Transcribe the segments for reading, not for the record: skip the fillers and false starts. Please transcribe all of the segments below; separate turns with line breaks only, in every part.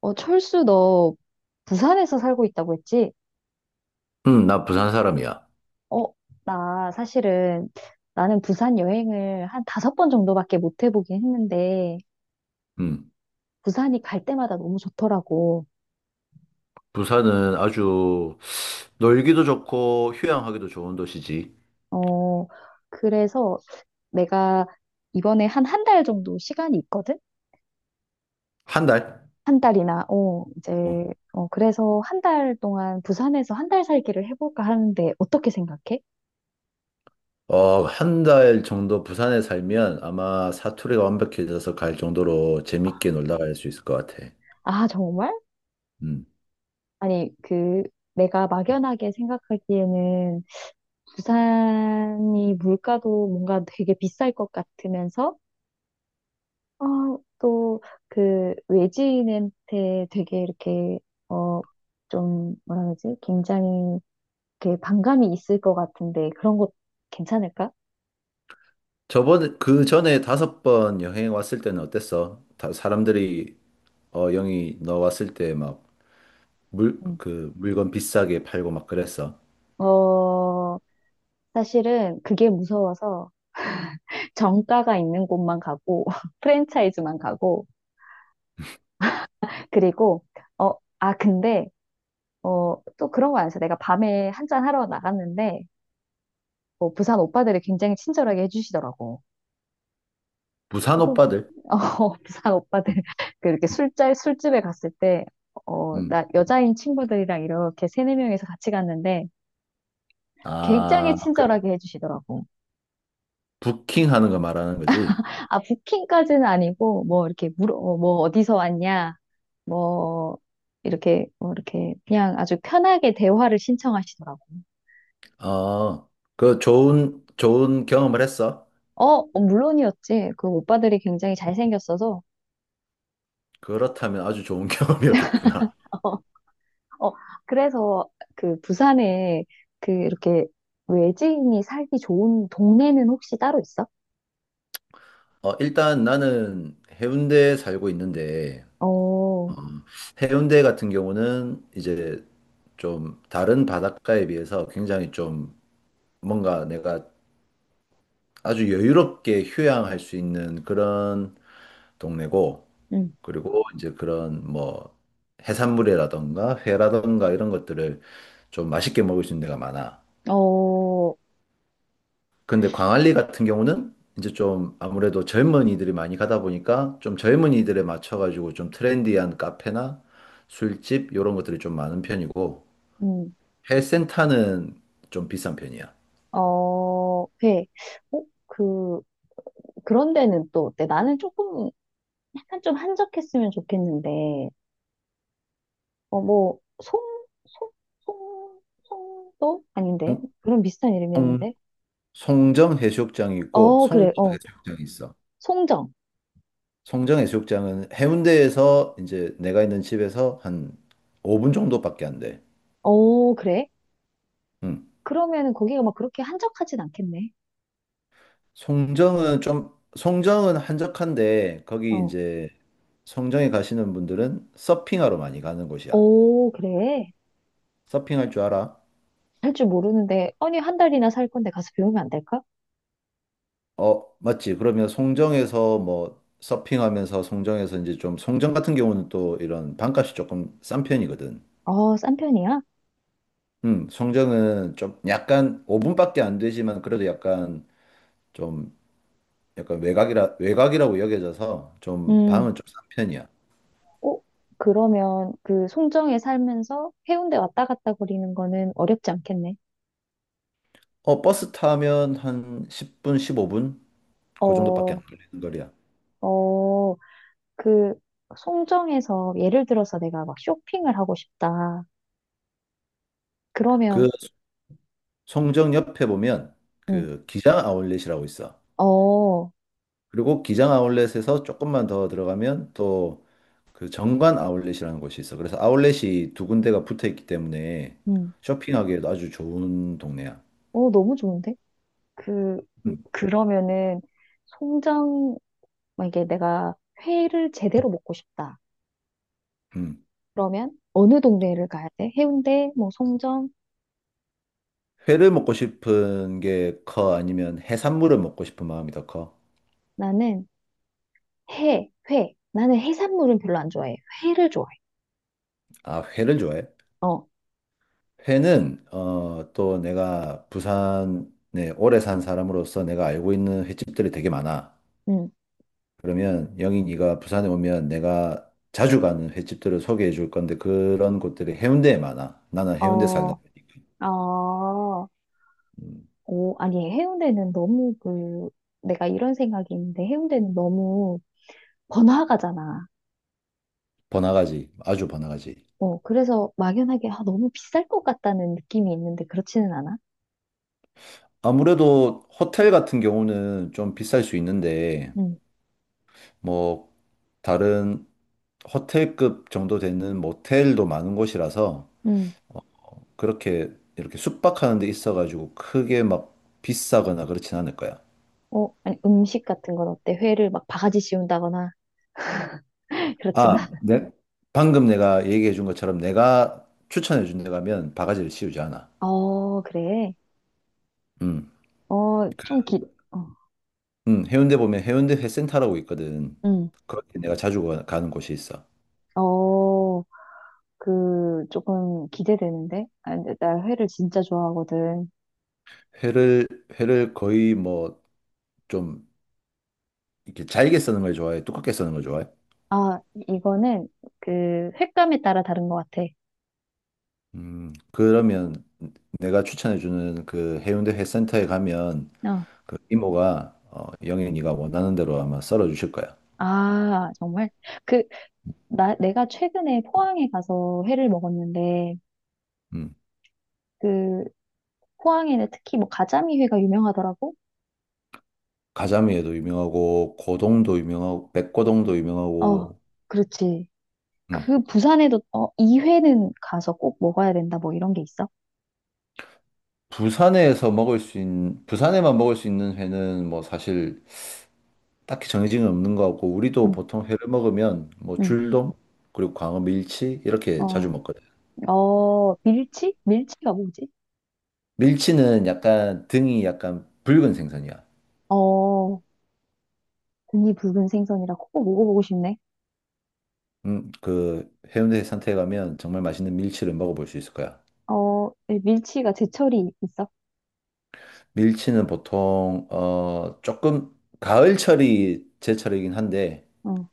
어, 철수, 너 부산에서 살고 있다고 했지?
나 부산 사람이야.
어, 나 사실은 나는 부산 여행을 한 5번 정도밖에 못 해보긴 했는데,
음.
부산이 갈 때마다 너무 좋더라고.
부산은 아주 놀기도 좋고 휴양하기도 좋은 도시지.
어, 그래서 내가 이번에 한 한 달 정도 시간이 있거든?
한 달?
한 달이나, 어,
어,
이제, 어, 그래서 한 달 동안 부산에서 한 달 살기를 해볼까 하는데, 어떻게 생각해?
한 달 정도 부산에 살면 아마 사투리가 완벽해져서 갈 정도로
아,
재밌게 놀다 갈 수 있을 것 같아.
아, 정말?
음.
아니, 그, 내가 막연하게 생각하기에는 부산이 물가도 뭔가 되게 비쌀 것 같으면서, 어, 또 그 외지인한테 되게 이렇게, 어, 좀, 뭐라 그러지? 굉장히 이렇게 반감이 있을 것 같은데, 그런 거 괜찮을까?
저번에 그 전에 다섯 번 여행 왔을 때는 어땠어? 사람들이 영희 너 왔을 때 막
음.
그 물건 비싸게 팔고 막 그랬어.
어, 사실은 그게 무서워서 정가가 있는 곳만 가고, 프랜차이즈만 가고, 그리고, 어, 아, 근데, 어, 또 그런 거 아니야. 내가 밤에 한 잔 하러 나갔는데, 뭐 부산 오빠들이 굉장히 친절하게 해주시더라고.
부산
그거,
오빠들?
어, 부산 오빠들, 그 이렇게 술집에 갔을 때, 어,
음.
나 여자인 친구들이랑 이렇게 세네 명이서 같이 갔는데, 굉장히
아, 그
친절하게 해주시더라고.
부킹하는 거 말하는 거지?
아, 부킹까지는 아니고, 뭐, 이렇게 뭐, 어디서 왔냐, 뭐, 이렇게, 뭐, 이렇게, 그냥 아주 편하게 대화를 신청하시더라고.
아, 그 좋은 경험을 했어?
어, 어, 물론이었지. 그 오빠들이 굉장히 잘생겼어서,
그렇다면 아주 좋은 경험이었겠구나.
어, 그래서 그 부산에 그 이렇게 외지인이 살기 좋은 동네는 혹시 따로 있어?
일단 나는 해운대에 살고 있는데,
어,
해운대 같은 경우는 이제 좀 다른 바닷가에 비해서 굉장히 좀 뭔가 내가 아주 여유롭게 휴양할 수 있는 그런 동네고,
음,
그리고 이제 그런 뭐 해산물이라던가 회라던가 이런 것들을 좀 맛있게 먹을 수 있는 데가 많아.
어,
근데 광안리 같은 경우는 이제 좀 아무래도 젊은이들이 많이 가다 보니까 좀 젊은이들에 맞춰가지고 좀 트렌디한 카페나 술집 이런 것들이 좀 많은 편이고
음,
해센터는 좀 비싼 편이야.
어, 회. 어, 그, 그런 데는 또 어때? 나는 조금, 약간 좀 한적했으면 좋겠는데, 어, 뭐, 송, 송도? 아닌데?
송,
그런 비슷한
송-
이름이었는데?
송정 해수욕장이 있고
어, 그래,
송정
어.
해수욕장이 있어.
송정.
송정 해수욕장은 해운대에서 이제 내가 있는 집에서 한 5분 정도밖에 안 돼.
어, 그래?
응.
그러면은 거기가 막 그렇게 한적하진 않겠네.
송정은 한적한데 거기
어.
이제 송정에 가시는 분들은 서핑하러 많이 가는 곳이야.
오, 그래?
서핑할 줄 알아?
할 줄 모르는데, 아니, 한 달이나 살 건데 가서 배우면 안 될까?
어, 맞지. 그러면 송정에서 뭐 서핑하면서 송정에서 이제 좀 송정 같은 경우는 또 이런 방값이 조금 싼 편이거든.
어, 싼 편이야?
송정은 좀 약간 5분밖에 안 되지만 그래도 약간 좀 약간 외곽이라고 여겨져서 좀
음,
방은 좀 싼 편이야.
어, 그러면 그 송정에 살면서 해운대 왔다 갔다 거리는 거는 어렵지 않겠네.
버스 타면 한 10분, 15분? 그 정도밖에 안
어,
걸리는 거리야.
어, 그 송정에서 예를 들어서 내가 막 쇼핑을 하고 싶다.
그
그러면,
송정 옆에 보면
음,
그 기장 아울렛이라고 있어.
어,
그리고 기장 아울렛에서 조금만 더 들어가면 또 그 정관 아울렛이라는 곳이 있어. 그래서 아울렛이 두 군데가 붙어 있기 때문에
음,
쇼핑하기에도 아주 좋은 동네야.
어, 너무 좋은데? 그,
음.
그러면은 송정, 만 이게 내가 회를 제대로 먹고 싶다.
음.
그러면 어느 동네를 가야 돼? 해운대, 뭐 송정?
회를 먹고 싶은 게 커? 아니면 해산물을 먹고 싶은 마음이 더 커?
나는 회. 나는 해산물은 별로 안 좋아해. 회를 좋아해.
아, 회를 좋아해?
어,
회는 또 내가 부산에 오래 산 사람으로서 내가 알고 있는 횟집들이 되게 많아.
응.
그러면 영희 네가 부산에 오면 내가 자주 가는 횟집들을 소개해 줄 건데 그런 곳들이 해운대에 많아. 나는 해운대 살다
어,
보니까
어.
음,
오, 아니, 해운대는 너무 그, 내가 이런 생각이 있는데 해운대는 너무 번화가잖아.
번화가지, 아주 번화가지.
어, 그래서 막연하게 아, 너무 비쌀 것 같다는 느낌이 있는데 그렇지는 않아.
아무래도 호텔 같은 경우는 좀 비쌀 수 있는데
응,
뭐 다른 호텔급 정도 되는 모텔도 많은 곳이라서
응.
그렇게 이렇게 숙박하는 데 있어가지고 크게 막 비싸거나 그렇진 않을 거야.
어, 아니, 음식 같은 건 어때? 회를 막 바가지 씌운다거나 그렇지는
아,
않아.
네. 방금 내가 얘기해 준 것처럼 내가 추천해 준 데 가면 바가지를 씌우지 않아.
어, 그래.
음.
어, 좀 어.
해운대 보면 해운대 회센터라고 있거든.
응.
거기 내가 자주 가는 곳이 있어.
어, 그, 조금 기대되는데? 아, 근데 나 회를 진짜 좋아하거든.
회를 회를 거의 뭐 좀 이렇게 잘게 써는 걸 좋아해? 두껍게 써는 걸 좋아해?
아, 이거는 그 횟감에 따라 다른 것 같아.
음. 그러면 내가 추천해 주는 그 해운대 회센터에 가면
어.
그 이모가 영애 네가 원하는 대로 아마 썰어 주실 거야.
아, 정말? 그, 내가 최근에 포항에 가서 회를 먹었는데,
음.
그, 포항에는 특히 뭐 가자미 회가 유명하더라고?
가자미에도 유명하고 고동도 유명하고 백고동도
어,
유명하고.
그렇지.
음.
그 부산에도, 이 회는 가서 꼭 먹어야 된다, 뭐 이런 게 있어?
부산에서 먹을 수 있는, 부산에만 먹을 수 있는 회는 뭐 사실 딱히 정해진 건 없는 것 같고, 우리도
응,
보통 회를 먹으면 뭐
응.
줄돔, 그리고 광어 밀치, 이렇게 자주
어,
먹거든.
어, 밀치? 밀치가 뭐지?
밀치는 약간 등이 약간 붉은 생선이야.
어. 등이 붉은 생선이라 꼭 먹어보고 싶네.
그 해운대 해상태에 가면 정말 맛있는 밀치를 먹어볼 수 있을 거야.
어, 밀치가 제철이 있어.
밀치는 보통, 조금 가을철이 제철이긴 한데,
어,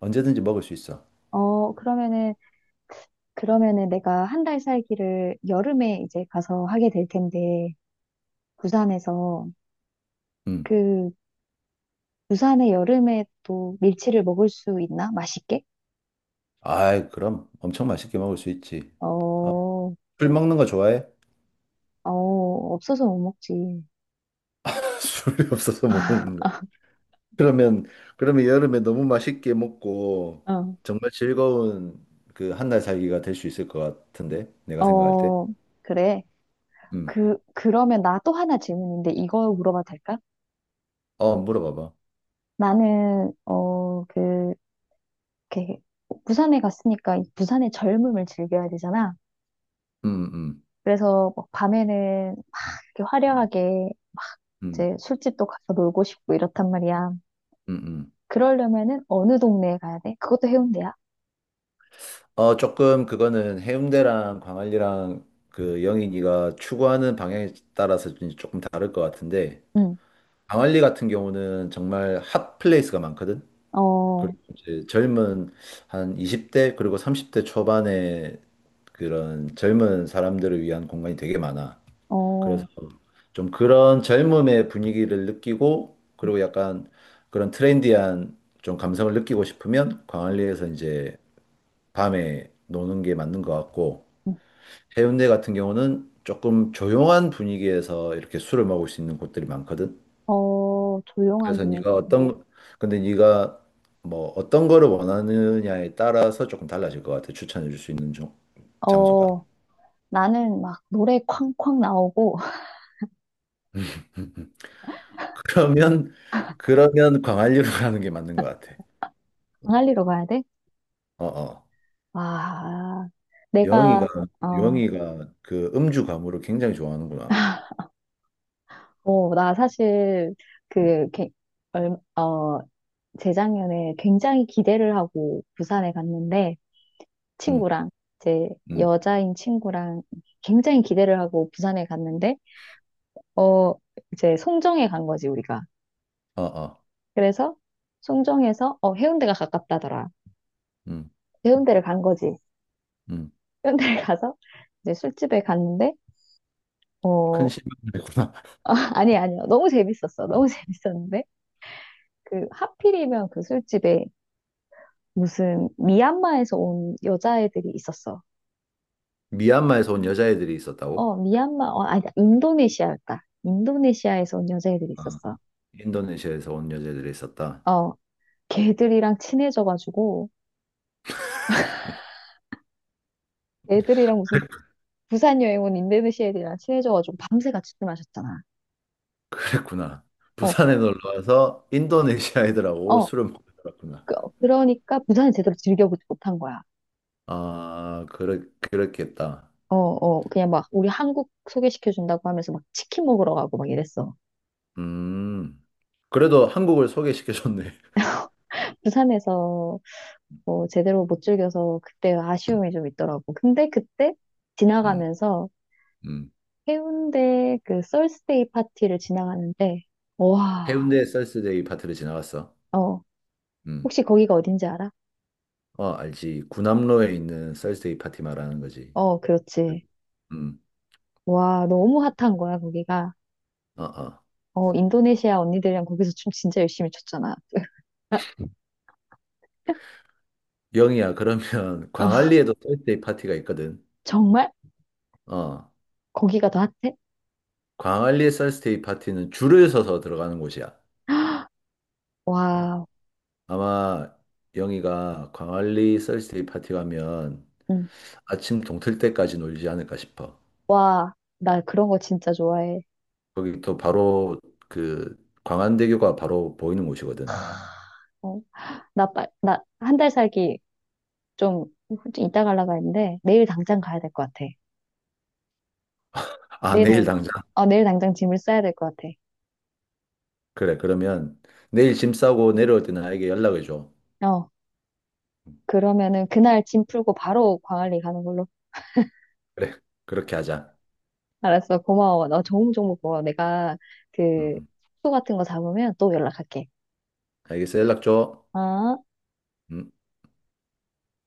언제든지 먹을 수 있어.
어, 그러면은 내가 한 달 살기를 여름에 이제 가서 하게 될 텐데, 부산에서,
음.
그, 부산의 여름에 또 밀치를 먹을 수 있나? 맛있게?
아이, 그럼 엄청 맛있게 먹을 수 있지. 어,
어,
술 먹는 거 좋아해?
어, 없어서 못 먹지.
술이 없어서 못 먹는데. 그러면 그러면 여름에 너무 맛있게 먹고
어,
정말 즐거운 그 한 달 살기가 될 수 있을 것 같은데 내가 생각할 때.
어, 그래.
음.
그러면 나 또 하나 질문인데, 이거 물어봐도 될까?
어, 물어봐봐.
나는, 어, 그, 이렇게 부산에 갔으니까 이 부산의 젊음을 즐겨야 되잖아.
음, 음,
그래서 막 밤에는 이렇게
음,
화려하게
음,
이제 술집도 가서 놀고 싶고 이렇단 말이야.
음.
그러려면은 어느 동네에 가야 돼? 그것도 해운대야.
조금 그거는 해운대랑 광안리랑 그 영인이가 추구하는 방향에 따라서 조금 다를 것 같은데
응.
광안리 같은 경우는 정말 핫 플레이스가 많거든.
어,
그리고 이제 젊은 한 20대 그리고 30대 초반에 그런 젊은 사람들을 위한 공간이 되게 많아. 그래서
어,
좀 그런 젊음의 분위기를 느끼고
응,
그리고 약간 그런 트렌디한 좀 감성을 느끼고 싶으면 광안리에서 이제 밤에 노는 게 맞는 것 같고
응.
해운대 같은 경우는 조금 조용한 분위기에서 이렇게 술을 먹을 수 있는 곳들이 많거든.
어, 조용한
그래서
분위기.
네가 어떤 근데 네가 뭐 어떤 거를 원하느냐에 따라서 조금 달라질 것 같아. 추천해 줄 수 있는 장소가.
어, 나는 막 노래 쾅쾅 나오고
그러면 그러면 광안리로 가는 게 맞는 것 같아.
광안리로 가야 돼?
어, 어.
와,
영희가
내가 어,
영희가 그 음주 가무를 굉장히 좋아하는구나.
나 사실 그,
음,
이렇게 얼- 어, 재작년에 굉장히 기대를 하고 부산에 갔는데
음,
친구랑 제
음.
여자인 친구랑 굉장히 기대를 하고 부산에 갔는데 어 이제 송정에 간 거지 우리가.
어, 어.
그래서 송정에서 해운대가 가깝다더라.
음,
해운대를 간 거지.
음.
해운대를 가서 이제 술집에 갔는데
큰
어
실망이구나.
아니 아니요 너무 재밌었어. 너무 재밌었는데 그 하필이면 그 술집에 무슨 미얀마에서 온 여자애들이 있었어.
미얀마에서 온 여자애들이 있었다고?
어, 미얀마, 아니, 인도네시아였다. 인도네시아에서 온 여자애들이
아,
있었어.
인도네시아에서 온 여자애들이 있었다.
어, 걔들이랑 친해져가지고, 애들이랑 무슨 부산 여행 온 인도네시아 애들이랑 친해져가지고 밤새 같이 술 마셨잖아.
그랬구나.
어,
부산에 놀러 와서 인도네시아 애들하고
어,
술을 먹고 놀았구나.
그러니까 부산을 제대로 즐겨보지 못한 거야.
아, 그래, 그랬겠다.
어, 어, 그냥 막 우리 한국 소개시켜준다고 하면서 막 치킨 먹으러 가고 막 이랬어.
음. 그래도 한국을 소개시켜줬네.
부산에서 뭐 제대로 못 즐겨서 그때
음,
아쉬움이 좀 있더라고. 근데 그때
음.
지나가면서
음.
해운대 그 썰스데이 파티를 지나가는데, 와,
해운대 썰스데이 파티를 지나갔어.
어,
음.
혹시 거기가 어딘지 알아?
어, 알지. 구남로에 있는 썰스데이 파티 말하는 거지.
어, 그렇지.
음.
와, 너무 핫한 거야, 거기가.
어, 어.
어, 인도네시아 언니들이랑 거기서 춤 진짜 열심히 췄잖아.
영희야, 그러면
어,
광안리에도 썰스데이 파티가 있거든.
정말?
어.
거기가 더 핫해?
광안리 썰스데이 파티는 줄을 서서 들어가는 곳이야. 어.
와,
아마 영희가 광안리 썰스데이 파티 가면
응.
아침 동틀 때까지 놀지 않을까 싶어.
나 그런 거 진짜 좋아해.
거기 또 바로 그 광안대교가 바로 보이는 곳이거든.
어, 나, 한 달 살기 좀, 좀 이따 가려고 했는데, 내일 당장 가야 될 것 같아.
아,
내일
내일
당,
당장.
내일 당장 짐을 싸야 될 것 같아.
그래, 그러면 내일 짐 싸고 내려올 때 나에게 연락을 줘.
어.
음,
그러면은 그날 짐 풀고 바로 광안리 가는 걸로.
그래, 그렇게 하자.
알았어. 고마워. 너 좋은 정보 고마워. 내가 그
음,
숙소 같은 거 잡으면 또 연락할게.
알겠어. 연락 줘.
어?
음.